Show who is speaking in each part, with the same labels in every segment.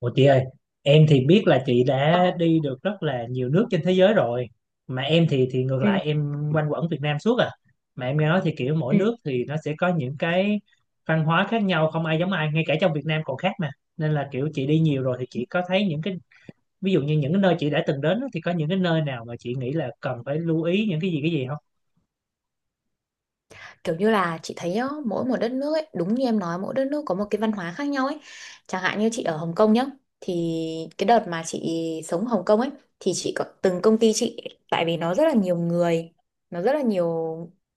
Speaker 1: Ủa chị ơi, em thì biết là chị
Speaker 2: Ờ,
Speaker 1: đã đi được rất là nhiều nước trên thế giới rồi. Mà em thì ngược
Speaker 2: ừ,
Speaker 1: lại em quanh quẩn Việt Nam suốt à. Mà em nghe nói thì kiểu mỗi
Speaker 2: ừ.
Speaker 1: nước thì nó sẽ có những cái văn hóa khác nhau không ai giống ai, ngay cả trong Việt Nam còn khác mà. Nên là kiểu chị đi nhiều rồi thì chị có thấy những cái ví dụ như những cái nơi chị đã từng đến á, thì có những cái nơi nào mà chị nghĩ là cần phải lưu ý những cái gì không?
Speaker 2: Kiểu như là chị thấy á, mỗi một đất nước ấy, đúng như em nói mỗi đất nước có một cái văn hóa khác nhau ấy. Chẳng hạn như chị ở Hồng Kông nhá, thì cái đợt mà chị sống Hồng Kông ấy thì chị có từng công ty chị, tại vì nó rất là nhiều người, nó rất là nhiều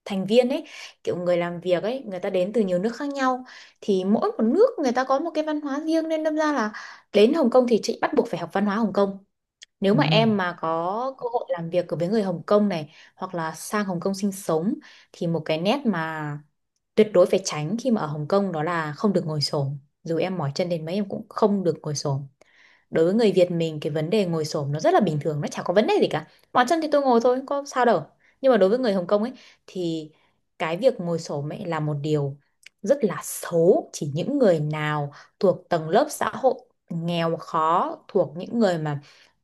Speaker 2: thành viên ấy, kiểu người làm việc ấy, người ta đến từ nhiều nước khác nhau, thì mỗi một nước người ta có một cái văn hóa riêng, nên đâm ra là đến Hồng Kông thì chị bắt buộc phải học văn hóa Hồng Kông. Nếu mà
Speaker 1: Ừ.
Speaker 2: em mà có cơ hội làm việc với người Hồng Kông này, hoặc là sang Hồng Kông sinh sống, thì một cái nét mà tuyệt đối phải tránh khi mà ở Hồng Kông đó là không được ngồi xổm. Dù em mỏi chân đến mấy em cũng không được ngồi xổm. Đối với người Việt mình cái vấn đề ngồi xổm nó rất là bình thường, nó chả có vấn đề gì cả. Mỏi chân thì tôi ngồi thôi, có sao đâu. Nhưng mà đối với người Hồng Kông ấy thì cái việc ngồi xổm ấy là một điều rất là xấu, chỉ những người nào thuộc tầng lớp xã hội nghèo khó, thuộc những người mà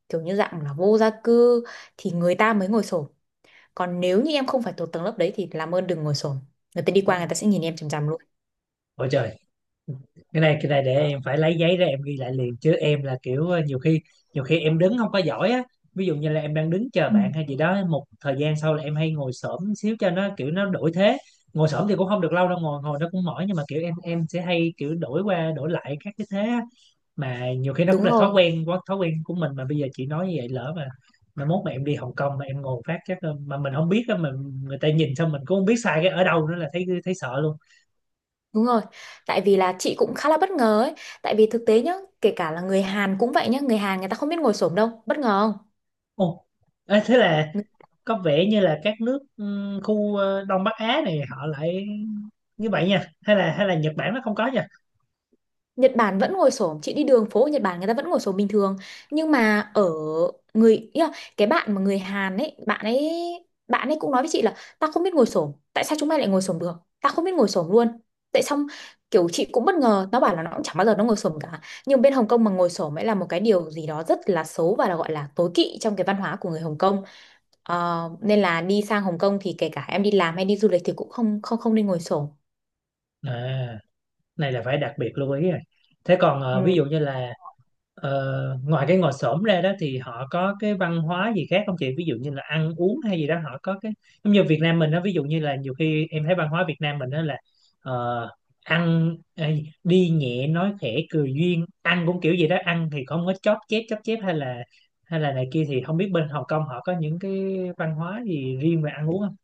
Speaker 2: kiểu như dạng là vô gia cư thì người ta mới ngồi xổm, còn nếu như em không phải thuộc tầng lớp đấy thì làm ơn đừng ngồi xổm. Người ta đi qua người ta sẽ nhìn em chằm chằm luôn.
Speaker 1: Ủa trời. Cái này để em phải lấy giấy ra em ghi lại liền chứ em là kiểu nhiều khi em đứng không có giỏi á, ví dụ như là em đang đứng chờ
Speaker 2: Ừ.
Speaker 1: bạn hay gì đó một thời gian sau là em hay ngồi xổm xíu cho nó kiểu nó đổi thế. Ngồi xổm thì cũng không được lâu đâu, ngồi ngồi nó cũng mỏi, nhưng mà kiểu em sẽ hay kiểu đổi qua đổi lại các cái thế á. Mà nhiều khi nó cũng
Speaker 2: Đúng
Speaker 1: là thói
Speaker 2: rồi,
Speaker 1: quen, quá thói quen của mình mà bây giờ chị nói như vậy lỡ mà mốt mà em đi Hồng Kông mà em ngồi phát chắc mà mình không biết á, mà người ta nhìn xong mình cũng không biết sai cái ở đâu nữa là thấy thấy sợ luôn.
Speaker 2: đúng rồi. Tại vì là chị cũng khá là bất ngờ ấy, tại vì thực tế nhá, kể cả là người Hàn cũng vậy nhá, người Hàn người ta không biết ngồi xổm đâu, bất ngờ không?
Speaker 1: Ồ, ê, thế là có vẻ như là các nước khu Đông Bắc Á này họ lại như vậy nha, hay là Nhật Bản nó không có nha.
Speaker 2: Nhật Bản vẫn ngồi xổm, chị đi đường phố ở Nhật Bản người ta vẫn ngồi xổm bình thường, nhưng mà ở người ý là cái bạn mà người Hàn ấy, bạn ấy cũng nói với chị là ta không biết ngồi xổm, tại sao chúng mày lại ngồi xổm được, ta không biết ngồi xổm luôn. Tại xong kiểu chị cũng bất ngờ, nó bảo là nó cũng chẳng bao giờ nó ngồi xổm cả, nhưng bên Hồng Kông mà ngồi xổm ấy là một cái điều gì đó rất là xấu, và là gọi là tối kỵ trong cái văn hóa của người Hồng Kông. Ờ, nên là đi sang Hồng Kông thì kể cả em đi làm hay đi du lịch thì cũng không không không nên ngồi xổm.
Speaker 1: À. Này là phải đặc biệt lưu ý rồi. Thế còn
Speaker 2: Ừ.
Speaker 1: ví dụ như là ngoài cái ngồi xổm ra đó thì họ có cái văn hóa gì khác không chị, ví dụ như là ăn uống hay gì đó họ có cái giống như Việt Nam mình đó, ví dụ như là nhiều khi em thấy văn hóa Việt Nam mình đó là ờ, ăn đi nhẹ nói khẽ cười duyên, ăn cũng kiểu gì đó, ăn thì không có chóp chép hay là này kia, thì không biết bên Hồng Kông họ có những cái văn hóa gì riêng về ăn uống không?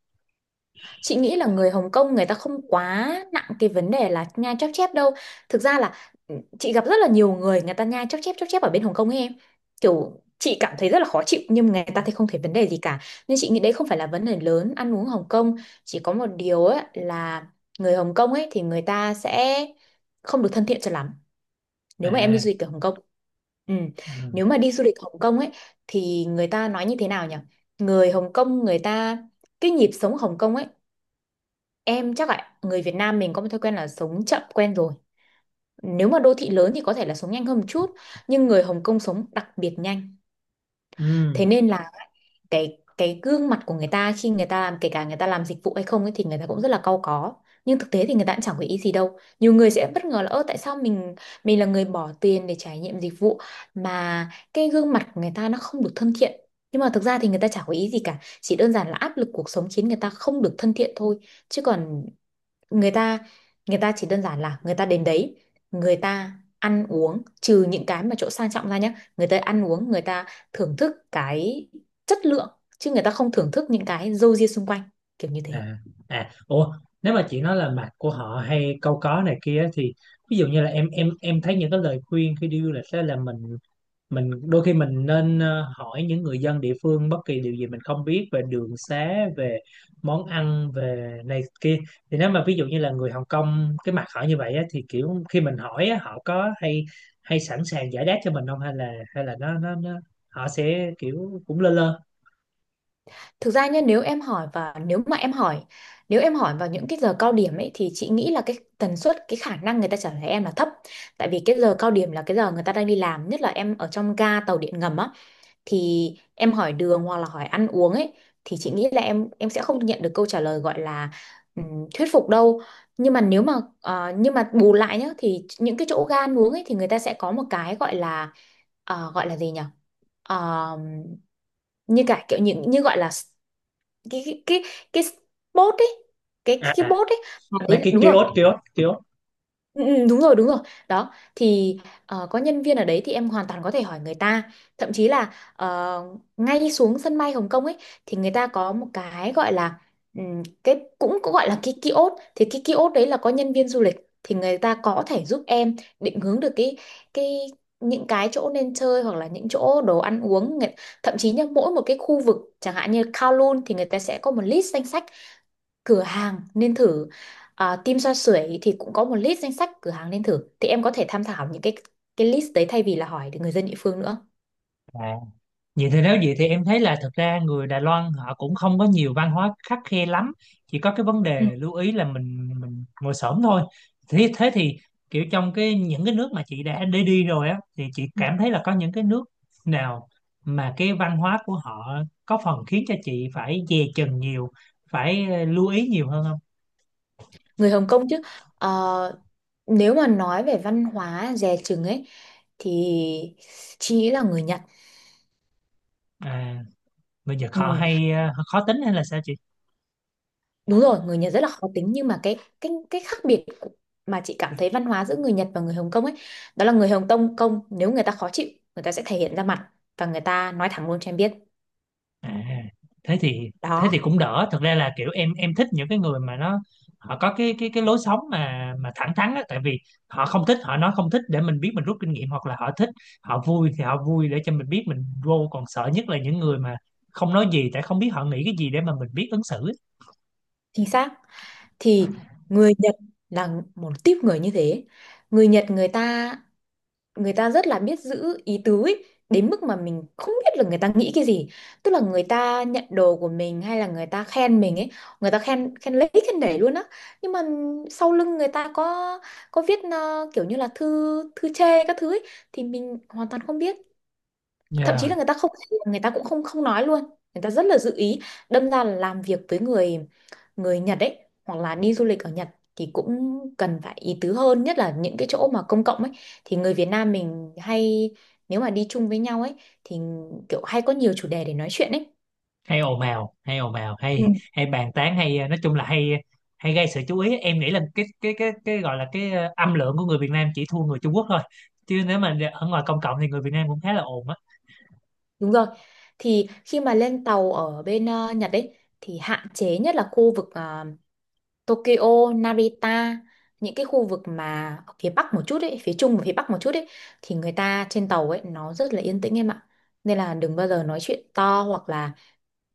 Speaker 2: Chị nghĩ là người Hồng Kông người ta không quá nặng cái vấn đề là nhai chóp chép đâu. Thực ra là chị gặp rất là nhiều người, người ta nhai chóp chép ở bên Hồng Kông ấy em. Kiểu chị cảm thấy rất là khó chịu nhưng người ta thì không thấy vấn đề gì cả. Nên chị nghĩ đấy không phải là vấn đề lớn ăn uống Hồng Kông. Chỉ có một điều ấy là người Hồng Kông ấy thì người ta sẽ không được thân thiện cho lắm, nếu mà em đi
Speaker 1: À.
Speaker 2: du lịch ở Hồng Kông. Ừ.
Speaker 1: Ừ.
Speaker 2: Nếu mà đi du lịch Hồng Kông ấy thì người ta nói như thế nào nhỉ? Người Hồng Kông người ta, cái nhịp sống Hồng Kông ấy, em chắc là người Việt Nam mình có một thói quen là sống chậm quen rồi. Nếu mà đô thị lớn thì có thể là sống nhanh hơn một chút, nhưng người Hồng Kông sống đặc biệt nhanh.
Speaker 1: Ừ.
Speaker 2: Thế nên là cái gương mặt của người ta khi người ta làm, kể cả người ta làm dịch vụ hay không ấy, thì người ta cũng rất là cau có. Nhưng thực tế thì người ta cũng chẳng có ý gì đâu. Nhiều người sẽ bất ngờ là, ơ tại sao mình là người bỏ tiền để trải nghiệm dịch vụ mà cái gương mặt của người ta nó không được thân thiện. Nhưng mà thực ra thì người ta chả có ý gì cả, chỉ đơn giản là áp lực cuộc sống khiến người ta không được thân thiện thôi. Chứ còn người ta người ta chỉ đơn giản là người ta đến đấy, người ta ăn uống, trừ những cái mà chỗ sang trọng ra nhé, người ta ăn uống người ta thưởng thức cái chất lượng, chứ người ta không thưởng thức những cái râu ria xung quanh, kiểu như thế.
Speaker 1: À, à, ủa, nếu mà chị nói là mặt của họ hay câu có này kia á, thì ví dụ như là em thấy những cái lời khuyên khi đi du lịch đó là mình đôi khi mình nên hỏi những người dân địa phương bất kỳ điều gì mình không biết về đường xá, về món ăn, về này kia. Thì nếu mà ví dụ như là người Hồng Kông cái mặt họ như vậy á, thì kiểu khi mình hỏi á, họ có hay hay sẵn sàng giải đáp cho mình không, hay là hay là nó họ sẽ kiểu cũng lơ lơ.
Speaker 2: Thực ra nhé, nếu em hỏi và nếu mà em hỏi nếu em hỏi vào những cái giờ cao điểm ấy thì chị nghĩ là cái tần suất, cái khả năng người ta trả lời em là thấp, tại vì cái giờ cao điểm là cái giờ người ta đang đi làm, nhất là em ở trong ga tàu điện ngầm á, thì em hỏi đường hoặc là hỏi ăn uống ấy, thì chị nghĩ là em sẽ không nhận được câu trả lời gọi là thuyết phục đâu. Nhưng mà nếu mà ờ, Nhưng mà bù lại nhá, thì những cái chỗ ga ăn uống ấy thì người ta sẽ có một cái gọi là, gọi là gì nhỉ? Ờ, như cả kiểu những như gọi là s- cái cái cái, cái spot ấy, cái
Speaker 1: À,
Speaker 2: cái, cái
Speaker 1: à,
Speaker 2: bốt ấy,
Speaker 1: mấy cái
Speaker 2: đúng rồi.
Speaker 1: kiosk kiosk kiosk
Speaker 2: Ừ, ừ, đúng rồi, đúng rồi. Đó thì có nhân viên ở đấy thì em hoàn toàn có thể hỏi người ta, thậm chí là, ngay xuống sân bay Hồng Kông ấy thì người ta có một cái gọi là, cái cũng cũng gọi là cái kiosk, thì cái kiosk đấy là có nhân viên du lịch thì người ta có thể giúp em định hướng được cái những cái chỗ nên chơi hoặc là những chỗ đồ ăn uống. Thậm chí nhá, mỗi một cái khu vực chẳng hạn như Kowloon thì người ta sẽ có một list danh sách cửa hàng nên thử, à, Tim Xoa Sưởi thì cũng có một list danh sách cửa hàng nên thử, thì em có thể tham khảo những cái list đấy thay vì là hỏi người dân địa phương nữa.
Speaker 1: Vậy thì nếu vậy thì em thấy là thật ra người Đài Loan họ cũng không có nhiều văn hóa khắt khe lắm, chỉ có cái vấn
Speaker 2: Ừ.
Speaker 1: đề lưu ý là mình ngồi xổm thôi. Thế thế thì kiểu trong cái những cái nước mà chị đã đi đi rồi á thì chị
Speaker 2: Ừ.
Speaker 1: cảm thấy là có những cái nước nào mà cái văn hóa của họ có phần khiến cho chị phải dè chừng nhiều, phải lưu ý nhiều hơn không?
Speaker 2: Người Hồng Kông chứ. Ờ, nếu mà nói về văn hóa dè chừng ấy thì chị nghĩ là người Nhật.
Speaker 1: À, bây giờ họ
Speaker 2: Ừ,
Speaker 1: hay khó tính hay là sao chị?
Speaker 2: đúng rồi, người Nhật rất là khó tính, nhưng mà cái khác biệt mà chị cảm thấy văn hóa giữa người Nhật và người Hồng Kông ấy, đó là người Hồng Kông Kông nếu người ta khó chịu người ta sẽ thể hiện ra mặt, và người ta nói thẳng luôn cho em biết.
Speaker 1: À, thế thì thế
Speaker 2: Đó,
Speaker 1: thì cũng đỡ. Thực ra là kiểu em thích những cái người mà nó họ có cái cái lối sống mà thẳng thắn á, tại vì họ không thích họ nói không thích để mình biết mình rút kinh nghiệm, hoặc là họ thích họ vui thì họ vui để cho mình biết mình vô, còn sợ nhất là những người mà không nói gì, tại không biết họ nghĩ cái gì để mà mình biết ứng xử.
Speaker 2: chính xác. Thì người Nhật là một típ người như thế. Người Nhật người ta rất là biết giữ ý tứ ấy, đến mức mà mình không biết là người ta nghĩ cái gì. Tức là người ta nhận đồ của mình hay là người ta khen mình ấy, người ta khen, khen lấy khen để luôn á, nhưng mà sau lưng người ta có viết kiểu như là thư, thư chê các thứ ấy, thì mình hoàn toàn không biết, thậm chí
Speaker 1: Dạ.
Speaker 2: là người ta cũng không không nói luôn, người ta rất là giữ ý. Đâm ra là làm việc với người người Nhật ấy, hoặc là đi du lịch ở Nhật, thì cũng cần phải ý tứ hơn, nhất là những cái chỗ mà công cộng ấy, thì người Việt Nam mình hay, nếu mà đi chung với nhau ấy, thì kiểu hay có nhiều chủ đề để nói chuyện ấy.
Speaker 1: Hay ồn ào
Speaker 2: Ừ.
Speaker 1: hay hay bàn tán hay nói chung là hay hay gây sự chú ý, em nghĩ là cái gọi là cái âm lượng của người Việt Nam chỉ thua người Trung Quốc thôi, chứ nếu mà ở ngoài công cộng thì người Việt Nam cũng khá là ồn á.
Speaker 2: Đúng rồi, thì khi mà lên tàu ở bên Nhật ấy, thì hạn chế nhất là khu vực Tokyo, Narita, những cái khu vực mà ở phía bắc một chút ấy, phía trung và phía bắc một chút ấy, thì người ta trên tàu ấy nó rất là yên tĩnh em ạ. Nên là đừng bao giờ nói chuyện to, hoặc là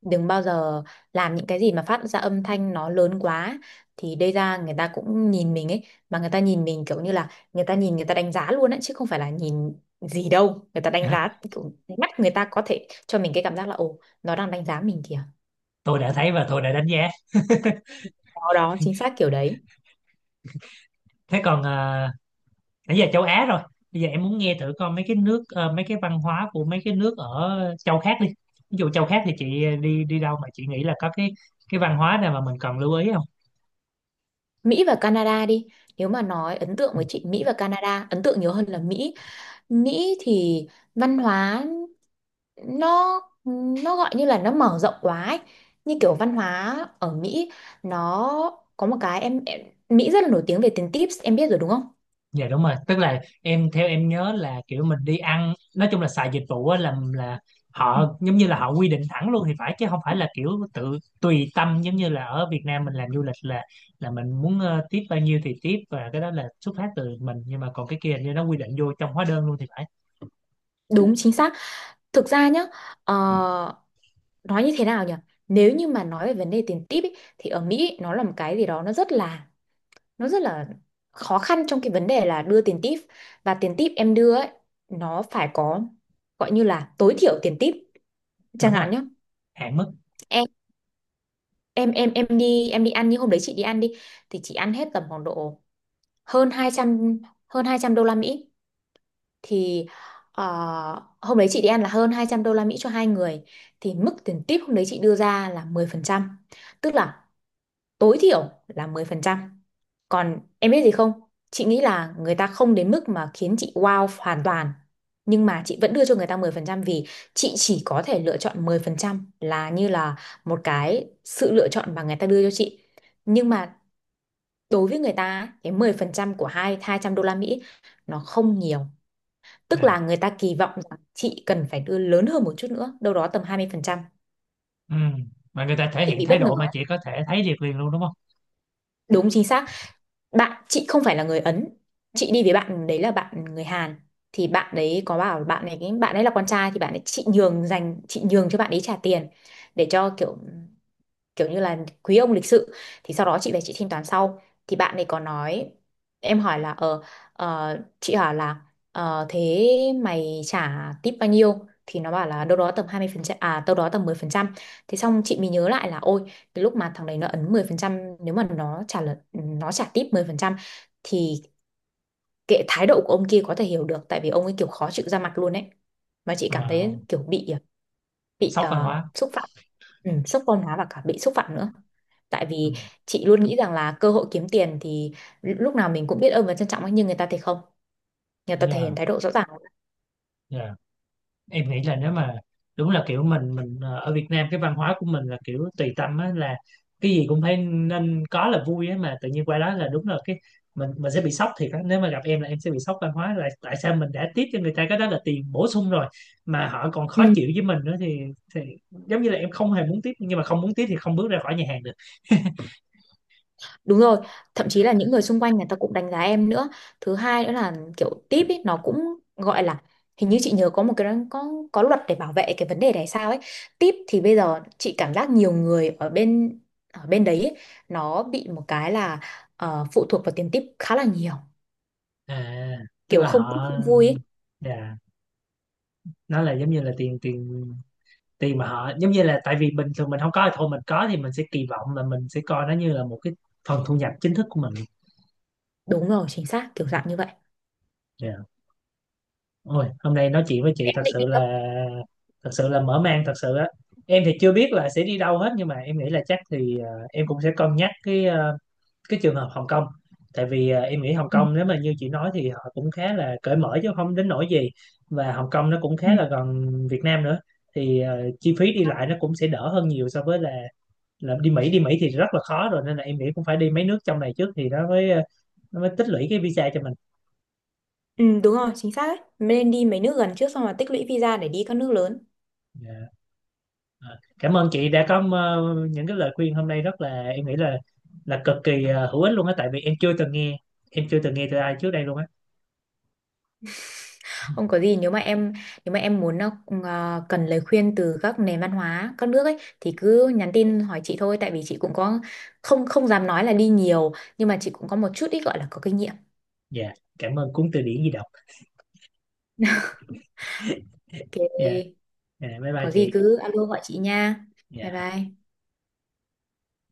Speaker 2: đừng bao giờ làm những cái gì mà phát ra âm thanh nó lớn quá, thì đây ra người ta cũng nhìn mình ấy, mà người ta nhìn mình kiểu như là người ta nhìn, người ta đánh giá luôn ấy, chứ không phải là nhìn gì đâu. Người ta đánh giá, kiểu mắt người ta có thể cho mình cái cảm giác là, ồ nó đang đánh giá mình kìa.
Speaker 1: Tôi đã thấy và tôi đã đánh giá.
Speaker 2: Đó đó, chính xác kiểu đấy.
Speaker 1: Thế còn nãy giờ châu Á rồi, bây giờ em muốn nghe thử coi mấy cái nước mấy cái văn hóa của mấy cái nước ở châu khác đi. Ví dụ châu khác thì chị đi đi đâu mà chị nghĩ là có cái văn hóa nào mà mình cần lưu ý không?
Speaker 2: Mỹ và Canada đi, nếu mà nói ấn tượng với chị Mỹ và Canada, ấn tượng nhiều hơn là Mỹ. Mỹ thì văn hóa nó nó gọi như là nó mở rộng quá ấy. Như kiểu văn hóa ở Mỹ nó có một cái em, Mỹ rất là nổi tiếng về tiền tips, em biết rồi đúng không?
Speaker 1: Dạ đúng rồi, tức là em theo em nhớ là kiểu mình đi ăn nói chung là xài dịch vụ á là
Speaker 2: Ừ.
Speaker 1: họ giống như là họ quy định thẳng luôn thì phải, chứ không phải là kiểu tự tùy tâm giống như là ở Việt Nam mình làm du lịch là mình muốn tiếp bao nhiêu thì tiếp và cái đó là xuất phát từ mình, nhưng mà còn cái kia hình như nó quy định vô trong hóa đơn luôn thì phải.
Speaker 2: Đúng chính xác. Thực ra nhá, ờ, nói như thế nào nhỉ? Nếu như mà nói về vấn đề tiền tip ý, thì ở Mỹ nó là một cái gì đó nó rất là khó khăn trong cái vấn đề là đưa tiền tip, và tiền tip em đưa ấy nó phải có, gọi như là tối thiểu tiền tip chẳng
Speaker 1: Đúng rồi,
Speaker 2: hạn nhé.
Speaker 1: hạn mức.
Speaker 2: Em em em em đi em đi ăn như hôm đấy chị đi ăn đi, thì chị ăn hết tầm khoảng độ hơn 200 hơn 200 đô la Mỹ. Thì, ờ, hôm đấy chị đi ăn là hơn 200 đô la Mỹ cho hai người, thì mức tiền tip hôm đấy chị đưa ra là 10%, tức là tối thiểu là 10%. Còn em biết gì không? Chị nghĩ là người ta không đến mức mà khiến chị wow hoàn toàn. Nhưng mà chị vẫn đưa cho người ta 10%, vì chị chỉ có thể lựa chọn 10% là như là một cái sự lựa chọn mà người ta đưa cho chị. Nhưng mà đối với người ta á, cái 10% của hai 200 đô la Mỹ nó không nhiều. Tức
Speaker 1: Dạ.
Speaker 2: là người ta kỳ vọng rằng chị cần phải đưa lớn hơn một chút nữa, đâu đó tầm 20%.
Speaker 1: Ừ. Mà người ta thể
Speaker 2: Chị
Speaker 1: hiện
Speaker 2: bị
Speaker 1: thái
Speaker 2: bất ngờ.
Speaker 1: độ mà chị có thể thấy được liền luôn đúng không?
Speaker 2: Đúng chính xác. Bạn chị không phải là người Ấn, chị đi với bạn đấy là bạn người Hàn, thì bạn đấy có bảo bạn này, cái bạn ấy là con trai thì bạn ấy, chị nhường dành chị nhường cho bạn ấy trả tiền, để cho kiểu kiểu như là quý ông lịch sự. Thì sau đó chị về chị thanh toán sau, thì bạn ấy có nói, em hỏi là ờ ờ, chị hỏi là, thế mày trả tip bao nhiêu, thì nó bảo là đâu đó tầm 20%, à đâu đó tầm 10%. Thế xong chị mới nhớ lại là ôi cái lúc mà thằng đấy nó ấn 10%, nếu mà nó trả tip 10% thì kệ, thái độ của ông kia có thể hiểu được, tại vì ông ấy kiểu khó chịu ra mặt luôn ấy, mà chị cảm
Speaker 1: Ờ,
Speaker 2: thấy kiểu bị bị
Speaker 1: sốc văn
Speaker 2: ờ,
Speaker 1: hóa.
Speaker 2: xúc phạm. Ừ, sốc văn hóa và cả bị xúc phạm nữa, tại
Speaker 1: Ừ.
Speaker 2: vì chị luôn nghĩ rằng là cơ hội kiếm tiền thì lúc nào mình cũng biết ơn và trân trọng ấy, nhưng người ta thì không, người ta thể
Speaker 1: Yeah,
Speaker 2: hiện thái độ rõ ràng.
Speaker 1: em nghĩ là nếu mà đúng là kiểu mình ở Việt Nam cái văn hóa của mình là kiểu tùy tâm á, là cái gì cũng phải nên có là vui á, mà tự nhiên qua đó là đúng là cái mình sẽ bị sốc thiệt á, nếu mà gặp em là em sẽ bị sốc văn hóa là tại sao mình đã tiếp cho người ta cái đó là tiền bổ sung rồi mà họ còn khó
Speaker 2: Ừ,
Speaker 1: chịu với mình nữa thì giống như là em không hề muốn tiếp, nhưng mà không muốn tiếp thì không bước ra khỏi nhà hàng được.
Speaker 2: đúng rồi, thậm chí là những người xung quanh người ta cũng đánh giá em nữa. Thứ hai nữa là kiểu tip ấy, nó cũng gọi là, hình như chị nhớ có một cái có luật để bảo vệ cái vấn đề này sao ấy. Tip thì bây giờ chị cảm giác nhiều người ở bên, ở bên đấy ấy, nó bị một cái là, phụ thuộc vào tiền tip khá là nhiều,
Speaker 1: À, tức
Speaker 2: kiểu
Speaker 1: là
Speaker 2: không thích
Speaker 1: họ.
Speaker 2: không vui ấy.
Speaker 1: Dạ, nó là giống như là tiền tiền thì mà họ giống như là tại vì bình thường mình không có thì thôi, mình có thì mình sẽ kỳ vọng là mình sẽ coi nó như là một cái phần thu nhập chính thức của mình.
Speaker 2: Đúng rồi, chính xác, kiểu dạng như vậy.
Speaker 1: Yeah. Ôi hôm nay nói chuyện với chị
Speaker 2: Em định đi đâu?
Speaker 1: thật sự là mở mang thật sự á. Em thì chưa biết là sẽ đi đâu hết, nhưng mà em nghĩ là chắc thì em cũng sẽ cân nhắc cái cái trường hợp Hồng Kông, tại vì em nghĩ Hồng
Speaker 2: Ừ.
Speaker 1: Kông nếu mà như chị nói thì họ cũng khá là cởi mở chứ không đến nỗi gì, và Hồng Kông nó cũng
Speaker 2: Ừ.
Speaker 1: khá là gần Việt Nam nữa, thì chi phí đi lại nó cũng sẽ đỡ hơn nhiều so với là đi Mỹ. Đi Mỹ thì rất là khó rồi nên là em nghĩ cũng phải đi mấy nước trong này trước thì nó mới nó mới tích lũy cái visa cho mình.
Speaker 2: Ừ, đúng rồi, chính xác đấy. Mình nên đi mấy nước gần trước xong rồi tích lũy visa để đi các nước lớn.
Speaker 1: Dạ. Ờ, cảm ơn chị đã có những cái lời khuyên hôm nay, rất là em nghĩ là cực kỳ hữu ích luôn á, tại vì em chưa từng nghe em chưa từng nghe từ ai trước đây luôn á.
Speaker 2: Không có gì, nếu mà em, nếu mà em muốn, cần lời khuyên từ các nền văn hóa các nước ấy thì cứ nhắn tin hỏi chị thôi, tại vì chị cũng có, không không dám nói là đi nhiều, nhưng mà chị cũng có một chút ít gọi là có kinh nghiệm.
Speaker 1: Dạ, cảm ơn cuốn từ điển di động.
Speaker 2: Ok,
Speaker 1: Dạ. Dạ, bye bye
Speaker 2: có gì
Speaker 1: chị.
Speaker 2: cứ alo gọi chị nha. Bye
Speaker 1: Dạ.
Speaker 2: bye.